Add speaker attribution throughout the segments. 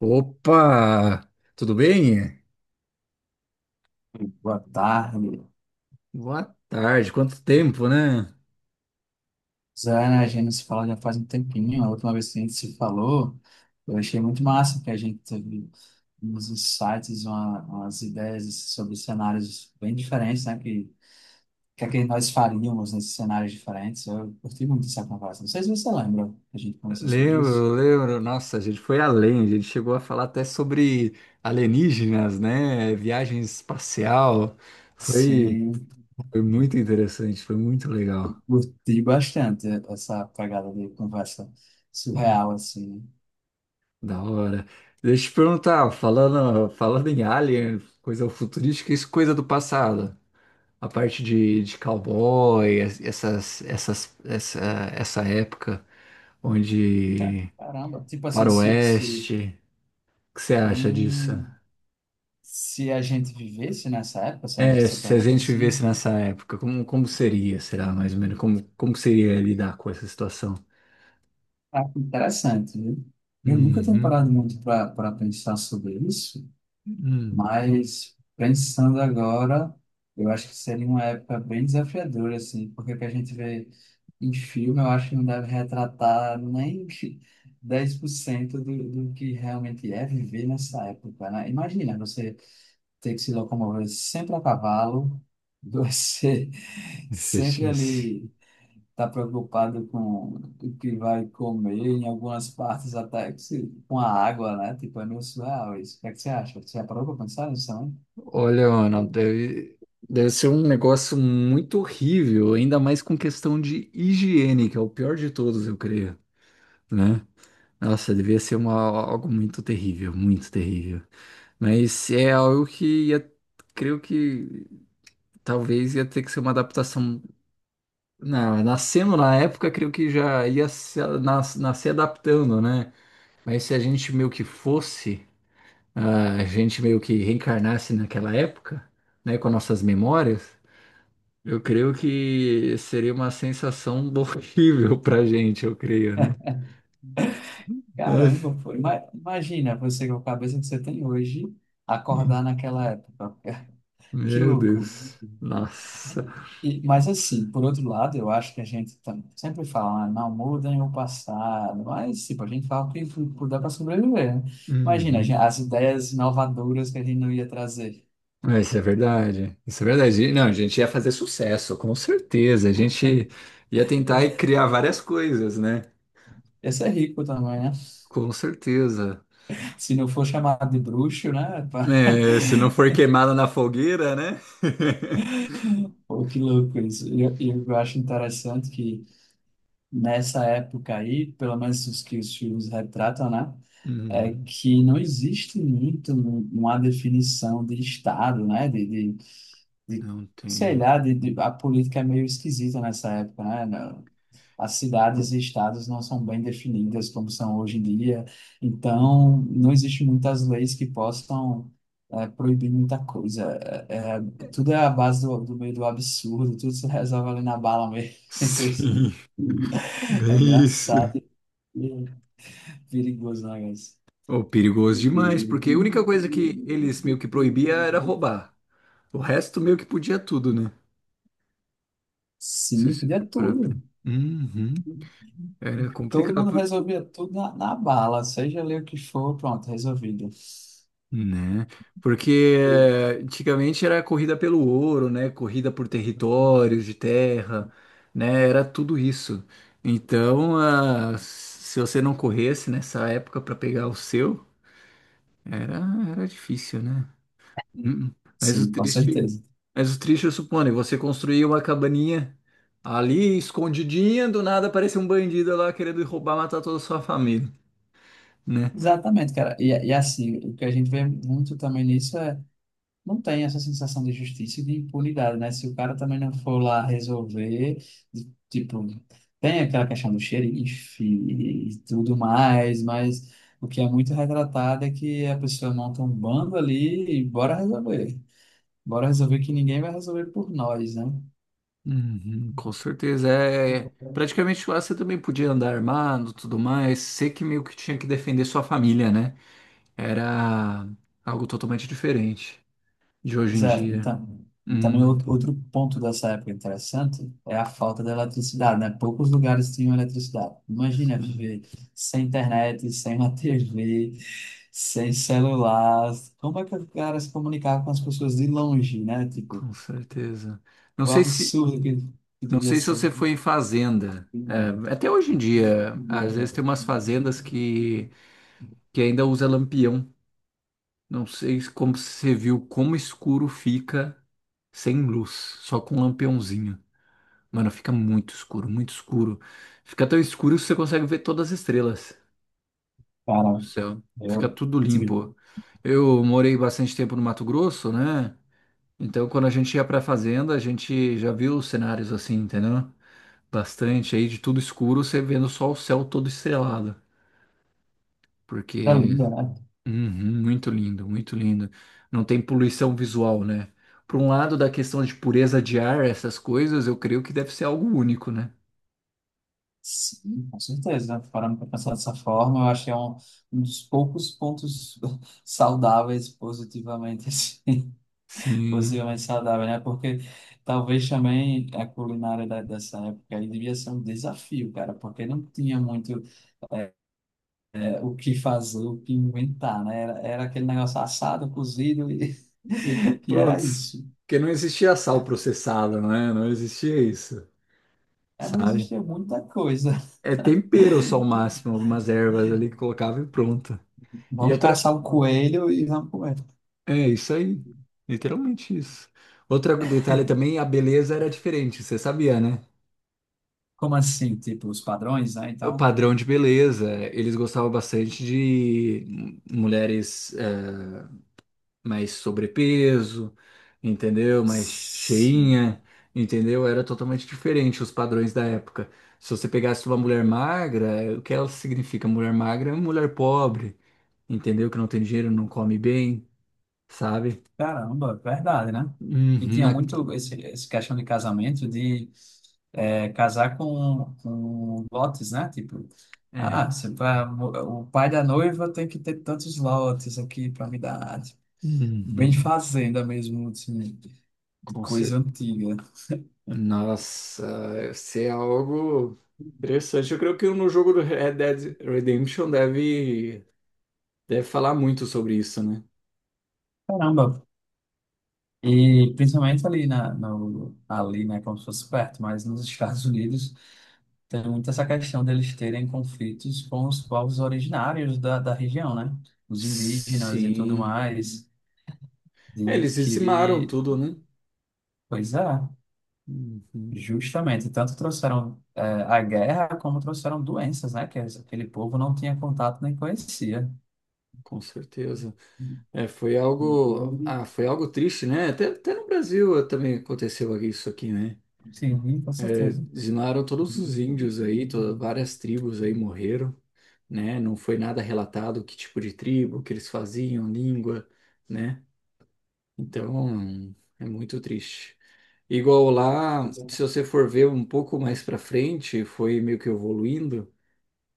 Speaker 1: Opa! Tudo bem?
Speaker 2: Boa tarde.
Speaker 1: Boa tarde, quanto tempo, né?
Speaker 2: Zana, a gente se fala já faz um tempinho. A última vez que a gente se falou, eu achei muito massa que a gente teve uns insights, umas ideias sobre cenários bem diferentes, né? Que nós faríamos nesses cenários diferentes. Eu curti muito essa conversa. Não sei se você lembra que a gente conversou sobre isso.
Speaker 1: Lembro, lembro. Nossa, a gente foi além, a gente chegou a falar até sobre alienígenas, né? Viagem espacial. Foi,
Speaker 2: Sim,
Speaker 1: foi muito interessante, foi muito legal.
Speaker 2: curti bastante essa pegada de conversa surreal,
Speaker 1: Hum.
Speaker 2: assim.
Speaker 1: Da hora. Deixa eu te perguntar, falando em alien, coisa futurística, isso é coisa do passado. A parte de cowboy, essa época onde
Speaker 2: Caramba, tipo assim,
Speaker 1: faroeste, o que você acha disso?
Speaker 2: num- Se a gente vivesse nessa época, se a-
Speaker 1: É,
Speaker 2: você
Speaker 1: se a
Speaker 2: pergunta
Speaker 1: gente vivesse
Speaker 2: assim,
Speaker 1: nessa época, como, como seria, será, mais ou menos? Como, como seria lidar com essa situação?
Speaker 2: ah, que interessante, viu? Eu nunca tenho
Speaker 1: Uhum.
Speaker 2: parado muito para pensar sobre isso,
Speaker 1: Hum,
Speaker 2: mas pensando agora, eu acho que seria uma época bem desafiadora, assim, porque o que a gente vê em filme, eu acho que não deve retratar nem que 10% do que realmente é viver nessa época, né? Imagina você ter que se locomover sempre a cavalo, você sempre
Speaker 1: fetiche.
Speaker 2: ali. Está preocupado com o que vai comer, em algumas partes até que com a água, né? Tipo, é meio surreal isso. O que é que você acha? Você já parou para pensar nisso também?
Speaker 1: Olha, Ana, deve ser um negócio muito horrível, ainda mais com questão de higiene, que é o pior de todos, eu creio, né? Nossa, devia ser uma, algo muito terrível, muito terrível. Mas é algo que ia, creio que talvez ia ter que ser uma adaptação. Não, nascendo na época, creio que já ia se, nas, nascer adaptando, né? Mas se a gente meio que fosse, ah, a gente meio que reencarnasse naquela época, né, com nossas memórias, eu creio que seria uma sensação horrível pra gente, eu creio, né?
Speaker 2: Caramba, pô. Imagina você com a cabeça que você tem hoje, acordar naquela época. Que
Speaker 1: Meu
Speaker 2: louco.
Speaker 1: Deus. Nossa.
Speaker 2: E, mas assim, por outro lado, eu acho que sempre fala, né, não mudem o passado, mas tipo, a gente fala o que puder para sobreviver, né? Imagina,
Speaker 1: Uhum.
Speaker 2: as ideias inovadoras que a gente não ia trazer.
Speaker 1: É, isso é verdade. Isso é verdade. E, não, a gente ia fazer sucesso, com certeza. A gente ia tentar e criar várias coisas, né?
Speaker 2: Esse é rico também, né?
Speaker 1: Com certeza.
Speaker 2: Se não for chamado de bruxo, né? Pá?
Speaker 1: É, se não for queimado na fogueira, né?
Speaker 2: Pô, que louco isso. E eu acho interessante que nessa época aí, pelo menos os que os filmes retratam, né? É
Speaker 1: Uhum.
Speaker 2: que não existe muito uma definição de Estado, né? De
Speaker 1: Não
Speaker 2: sei
Speaker 1: tem.
Speaker 2: lá, a política é meio esquisita nessa época, né? As cidades e estados não são bem definidas como são hoje em dia,
Speaker 1: Uhum.
Speaker 2: então não existe muitas leis que possam proibir muita coisa. É, é, tudo é a base do meio do absurdo, tudo se resolve ali na bala mesmo.
Speaker 1: Sim,
Speaker 2: É
Speaker 1: bem isso.
Speaker 2: engraçado e perigoso, né, guys?
Speaker 1: Oh, perigoso demais, porque a única coisa que eles meio que proibia era roubar. O resto meio que podia tudo, né? Se
Speaker 2: Sim,
Speaker 1: você for
Speaker 2: podia
Speaker 1: parar pra-
Speaker 2: tudo.
Speaker 1: Uhum. Era
Speaker 2: Todo mundo
Speaker 1: complicado.
Speaker 2: resolvia tudo na bala, seja ali o que for, pronto, resolvido.
Speaker 1: Né? Porque antigamente era corrida pelo ouro, né? Corrida por territórios de terra, né? Era tudo isso. Então, ah, se você não corresse nessa época para pegar o seu, era, era difícil, né? Hum. Mas o
Speaker 2: Sim, com
Speaker 1: triste,
Speaker 2: certeza.
Speaker 1: mas o triste, eu suponho, é você construiu uma cabaninha ali escondidinha, do nada aparece um bandido lá querendo roubar, matar toda a sua família, né?
Speaker 2: Exatamente, cara. E assim, o que a gente vê muito também nisso é, não tem essa sensação de justiça e de impunidade, né? Se o cara também não for lá resolver, tipo, tem aquela questão do xerife e tudo mais, mas o que é muito retratado é que a pessoa monta um bando ali e bora resolver. Bora resolver que ninguém vai resolver por nós, né?
Speaker 1: Uhum, com certeza. É, praticamente lá você também podia andar armado, tudo mais. Você que meio que tinha que defender sua família, né? Era algo totalmente diferente de hoje
Speaker 2: Pois
Speaker 1: em
Speaker 2: é, e,
Speaker 1: dia.
Speaker 2: ta- e também
Speaker 1: Hum,
Speaker 2: outro ponto dessa época interessante é a falta da eletricidade, né? Poucos lugares tinham eletricidade. Imagina
Speaker 1: sim,
Speaker 2: viver sem internet, sem uma TV, sem celular. Como é que o cara se comunicava com as pessoas de longe, né? Tipo,
Speaker 1: com certeza. Não
Speaker 2: o
Speaker 1: sei se,
Speaker 2: absurdo que
Speaker 1: não
Speaker 2: devia
Speaker 1: sei se
Speaker 2: ser.
Speaker 1: você foi em fazenda. É, até hoje em dia, às vezes tem umas fazendas que ainda usa lampião. Não sei se- como você viu como escuro fica sem luz, só com um lampiãozinho. Mano, fica muito escuro, muito escuro. Fica tão escuro que você consegue ver todas as estrelas do
Speaker 2: Cara,
Speaker 1: céu. Fica
Speaker 2: eu...
Speaker 1: tudo
Speaker 2: Tipo,
Speaker 1: limpo. Eu morei bastante tempo no Mato Grosso, né? Então, quando a gente ia pra fazenda, a gente já viu os cenários assim, entendeu? Bastante aí de tudo escuro, você vendo só o céu todo estrelado.
Speaker 2: coisa
Speaker 1: Porque,
Speaker 2: linda, né?
Speaker 1: uhum, muito lindo, muito lindo. Não tem poluição visual, né? Por um lado, da questão de pureza de ar, essas coisas, eu creio que deve ser algo único, né?
Speaker 2: Sim, com certeza. Parando para pensar dessa forma, eu acho que é um dos poucos pontos saudáveis, positivamente, assim,
Speaker 1: Sim.
Speaker 2: positivamente saudável, né? Porque talvez também a culinária dessa época aí devia ser um desafio, cara, porque não tinha muito o que fazer, o que inventar, né? Era aquele negócio assado, cozido e,
Speaker 1: E
Speaker 2: e
Speaker 1: pronto,
Speaker 2: era isso.
Speaker 1: porque não existia sal processado, não é? Não existia isso,
Speaker 2: É, não
Speaker 1: sabe?
Speaker 2: existia muita coisa.
Speaker 1: É tempero só o máximo, algumas ervas ali que colocava e pronto. E
Speaker 2: Vamos
Speaker 1: outra,
Speaker 2: caçar o coelho e vamos comer.
Speaker 1: é isso aí, literalmente isso. Outro detalhe também, a beleza era diferente, você sabia, né?
Speaker 2: Como assim? Tipo, os padrões, né, e
Speaker 1: O
Speaker 2: tal?
Speaker 1: padrão de beleza, eles gostavam bastante de mulheres mais sobrepeso, entendeu? Mais
Speaker 2: Sim.
Speaker 1: cheinha, entendeu? Era totalmente diferente os padrões da época. Se você pegasse uma mulher magra, é, o que ela significa? Mulher magra é uma mulher pobre, entendeu? Que não tem dinheiro, não come bem, sabe?
Speaker 2: Caramba, verdade, né? E
Speaker 1: Uhum,
Speaker 2: tinha
Speaker 1: a-
Speaker 2: muito esse questão de casamento, de é, casar com lotes, né? Tipo,
Speaker 1: é.
Speaker 2: o pai da noiva tem que ter tantos lotes aqui para me dar. Tipo, bem
Speaker 1: Uhum,
Speaker 2: de fazenda mesmo, assim, de
Speaker 1: com
Speaker 2: coisa
Speaker 1: certeza.
Speaker 2: antiga.
Speaker 1: Nossa, isso é algo interessante. Eu creio que no jogo do Red Dead Redemption deve falar muito sobre isso, né?
Speaker 2: Caramba. E principalmente ali na, no, ali, né, como se fosse perto, mas nos Estados Unidos. Tem muito essa questão deles terem conflitos com os povos originários da região, né? Os indígenas e tudo
Speaker 1: Sim.
Speaker 2: mais,
Speaker 1: É,
Speaker 2: e
Speaker 1: eles dizimaram
Speaker 2: que,
Speaker 1: tudo, né?
Speaker 2: pois é,
Speaker 1: Uhum,
Speaker 2: justamente, tanto trouxeram a guerra como trouxeram doenças, né? Que aquele povo não tinha contato nem conhecia.
Speaker 1: com certeza. É, foi algo, ah, foi algo triste, né? Até no Brasil também aconteceu isso aqui, né?
Speaker 2: Sim, com
Speaker 1: É,
Speaker 2: certeza.
Speaker 1: dizimaram todos os índios aí, to- várias tribos aí morreram, né? Não foi nada relatado que tipo de tribo, o que eles faziam, língua, né? Então, é muito triste. Igual lá, se você for ver um pouco mais para frente, foi meio que evoluindo.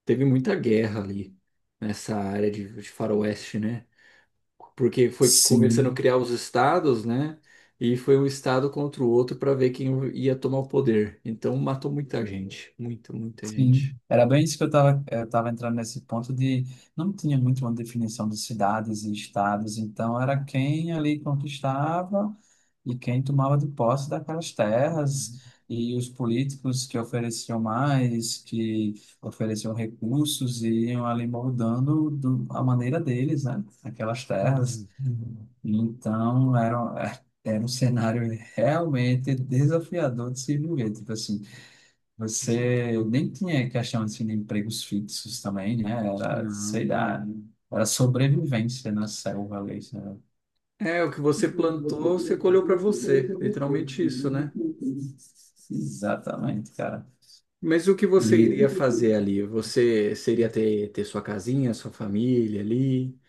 Speaker 1: Teve muita guerra ali nessa área de faroeste, né? Porque foi começando a
Speaker 2: Sim.
Speaker 1: criar os estados, né? E foi um estado contra o outro para ver quem ia tomar o poder. Então matou muita gente, muita, muita gente.
Speaker 2: Sim, era bem isso que eu tava entrando nesse ponto de não tinha muito uma definição de cidades e estados, então era quem ali conquistava e quem tomava de posse daquelas terras
Speaker 1: Hum,
Speaker 2: e os políticos que ofereciam mais, que ofereciam recursos e iam ali moldando a maneira deles, né, aquelas
Speaker 1: hum,
Speaker 2: terras. Então era, era um cenário realmente desafiador de se viver, tipo assim,
Speaker 1: isso aí.
Speaker 2: você nem tinha questão assim, de empregos fixos também, né? Era, sei
Speaker 1: Não.
Speaker 2: lá, era sobrevivência na selva ali, sabe?
Speaker 1: É, o que você plantou, você colheu para você, literalmente isso, né?
Speaker 2: Exatamente, cara.
Speaker 1: Mas o que
Speaker 2: E,
Speaker 1: você iria fazer ali? Você seria ter sua casinha, sua família ali?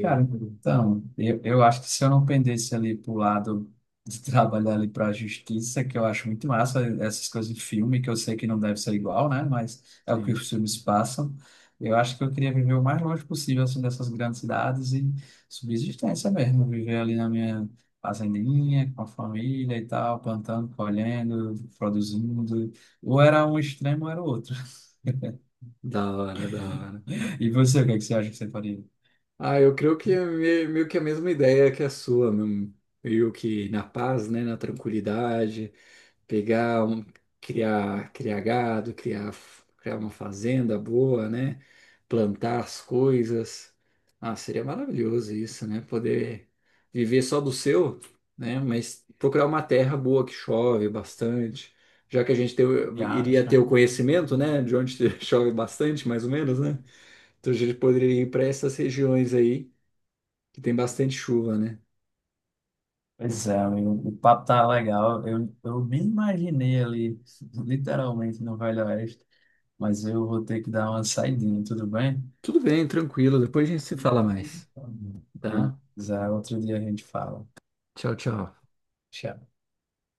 Speaker 2: Cara, então, eu acho que se eu não pendesse ali pro lado de trabalhar ali para a justiça, que eu acho muito massa, essas coisas de filme, que eu sei que não deve ser igual, né? Mas é o que
Speaker 1: Sim,
Speaker 2: os filmes passam. Eu acho que eu queria viver o mais longe possível, assim, dessas grandes cidades e subsistência mesmo, viver ali na minha fazendinha, com a família e tal, plantando, colhendo, produzindo. Ou era um extremo ou era o outro.
Speaker 1: da hora, da hora.
Speaker 2: E você, o que é que você acha que você faria?
Speaker 1: Ah, eu creio que é meio que a mesma ideia que a sua, num- meio que na paz, né, na tranquilidade, pegar, um, criar gado, criar uma fazenda boa, né, plantar as coisas. Ah, seria maravilhoso isso, né, poder viver só do seu, né, mas procurar uma terra boa que chove bastante, já que a gente tem o- iria ter o
Speaker 2: Viagem,
Speaker 1: conhecimento, né, de
Speaker 2: né?
Speaker 1: onde chove bastante, mais ou menos, né, então a gente poderia ir para essas regiões aí que tem bastante chuva, né?
Speaker 2: Pois é, amigo, o papo tá legal. Eu me imaginei ali, literalmente, no Velho Oeste, mas eu vou ter que dar uma saidinha, tudo bem?
Speaker 1: Tudo bem, tranquilo. Depois a gente se fala mais, tá?
Speaker 2: Beleza, outro dia a gente fala.
Speaker 1: Tchau, tchau.
Speaker 2: Tchau.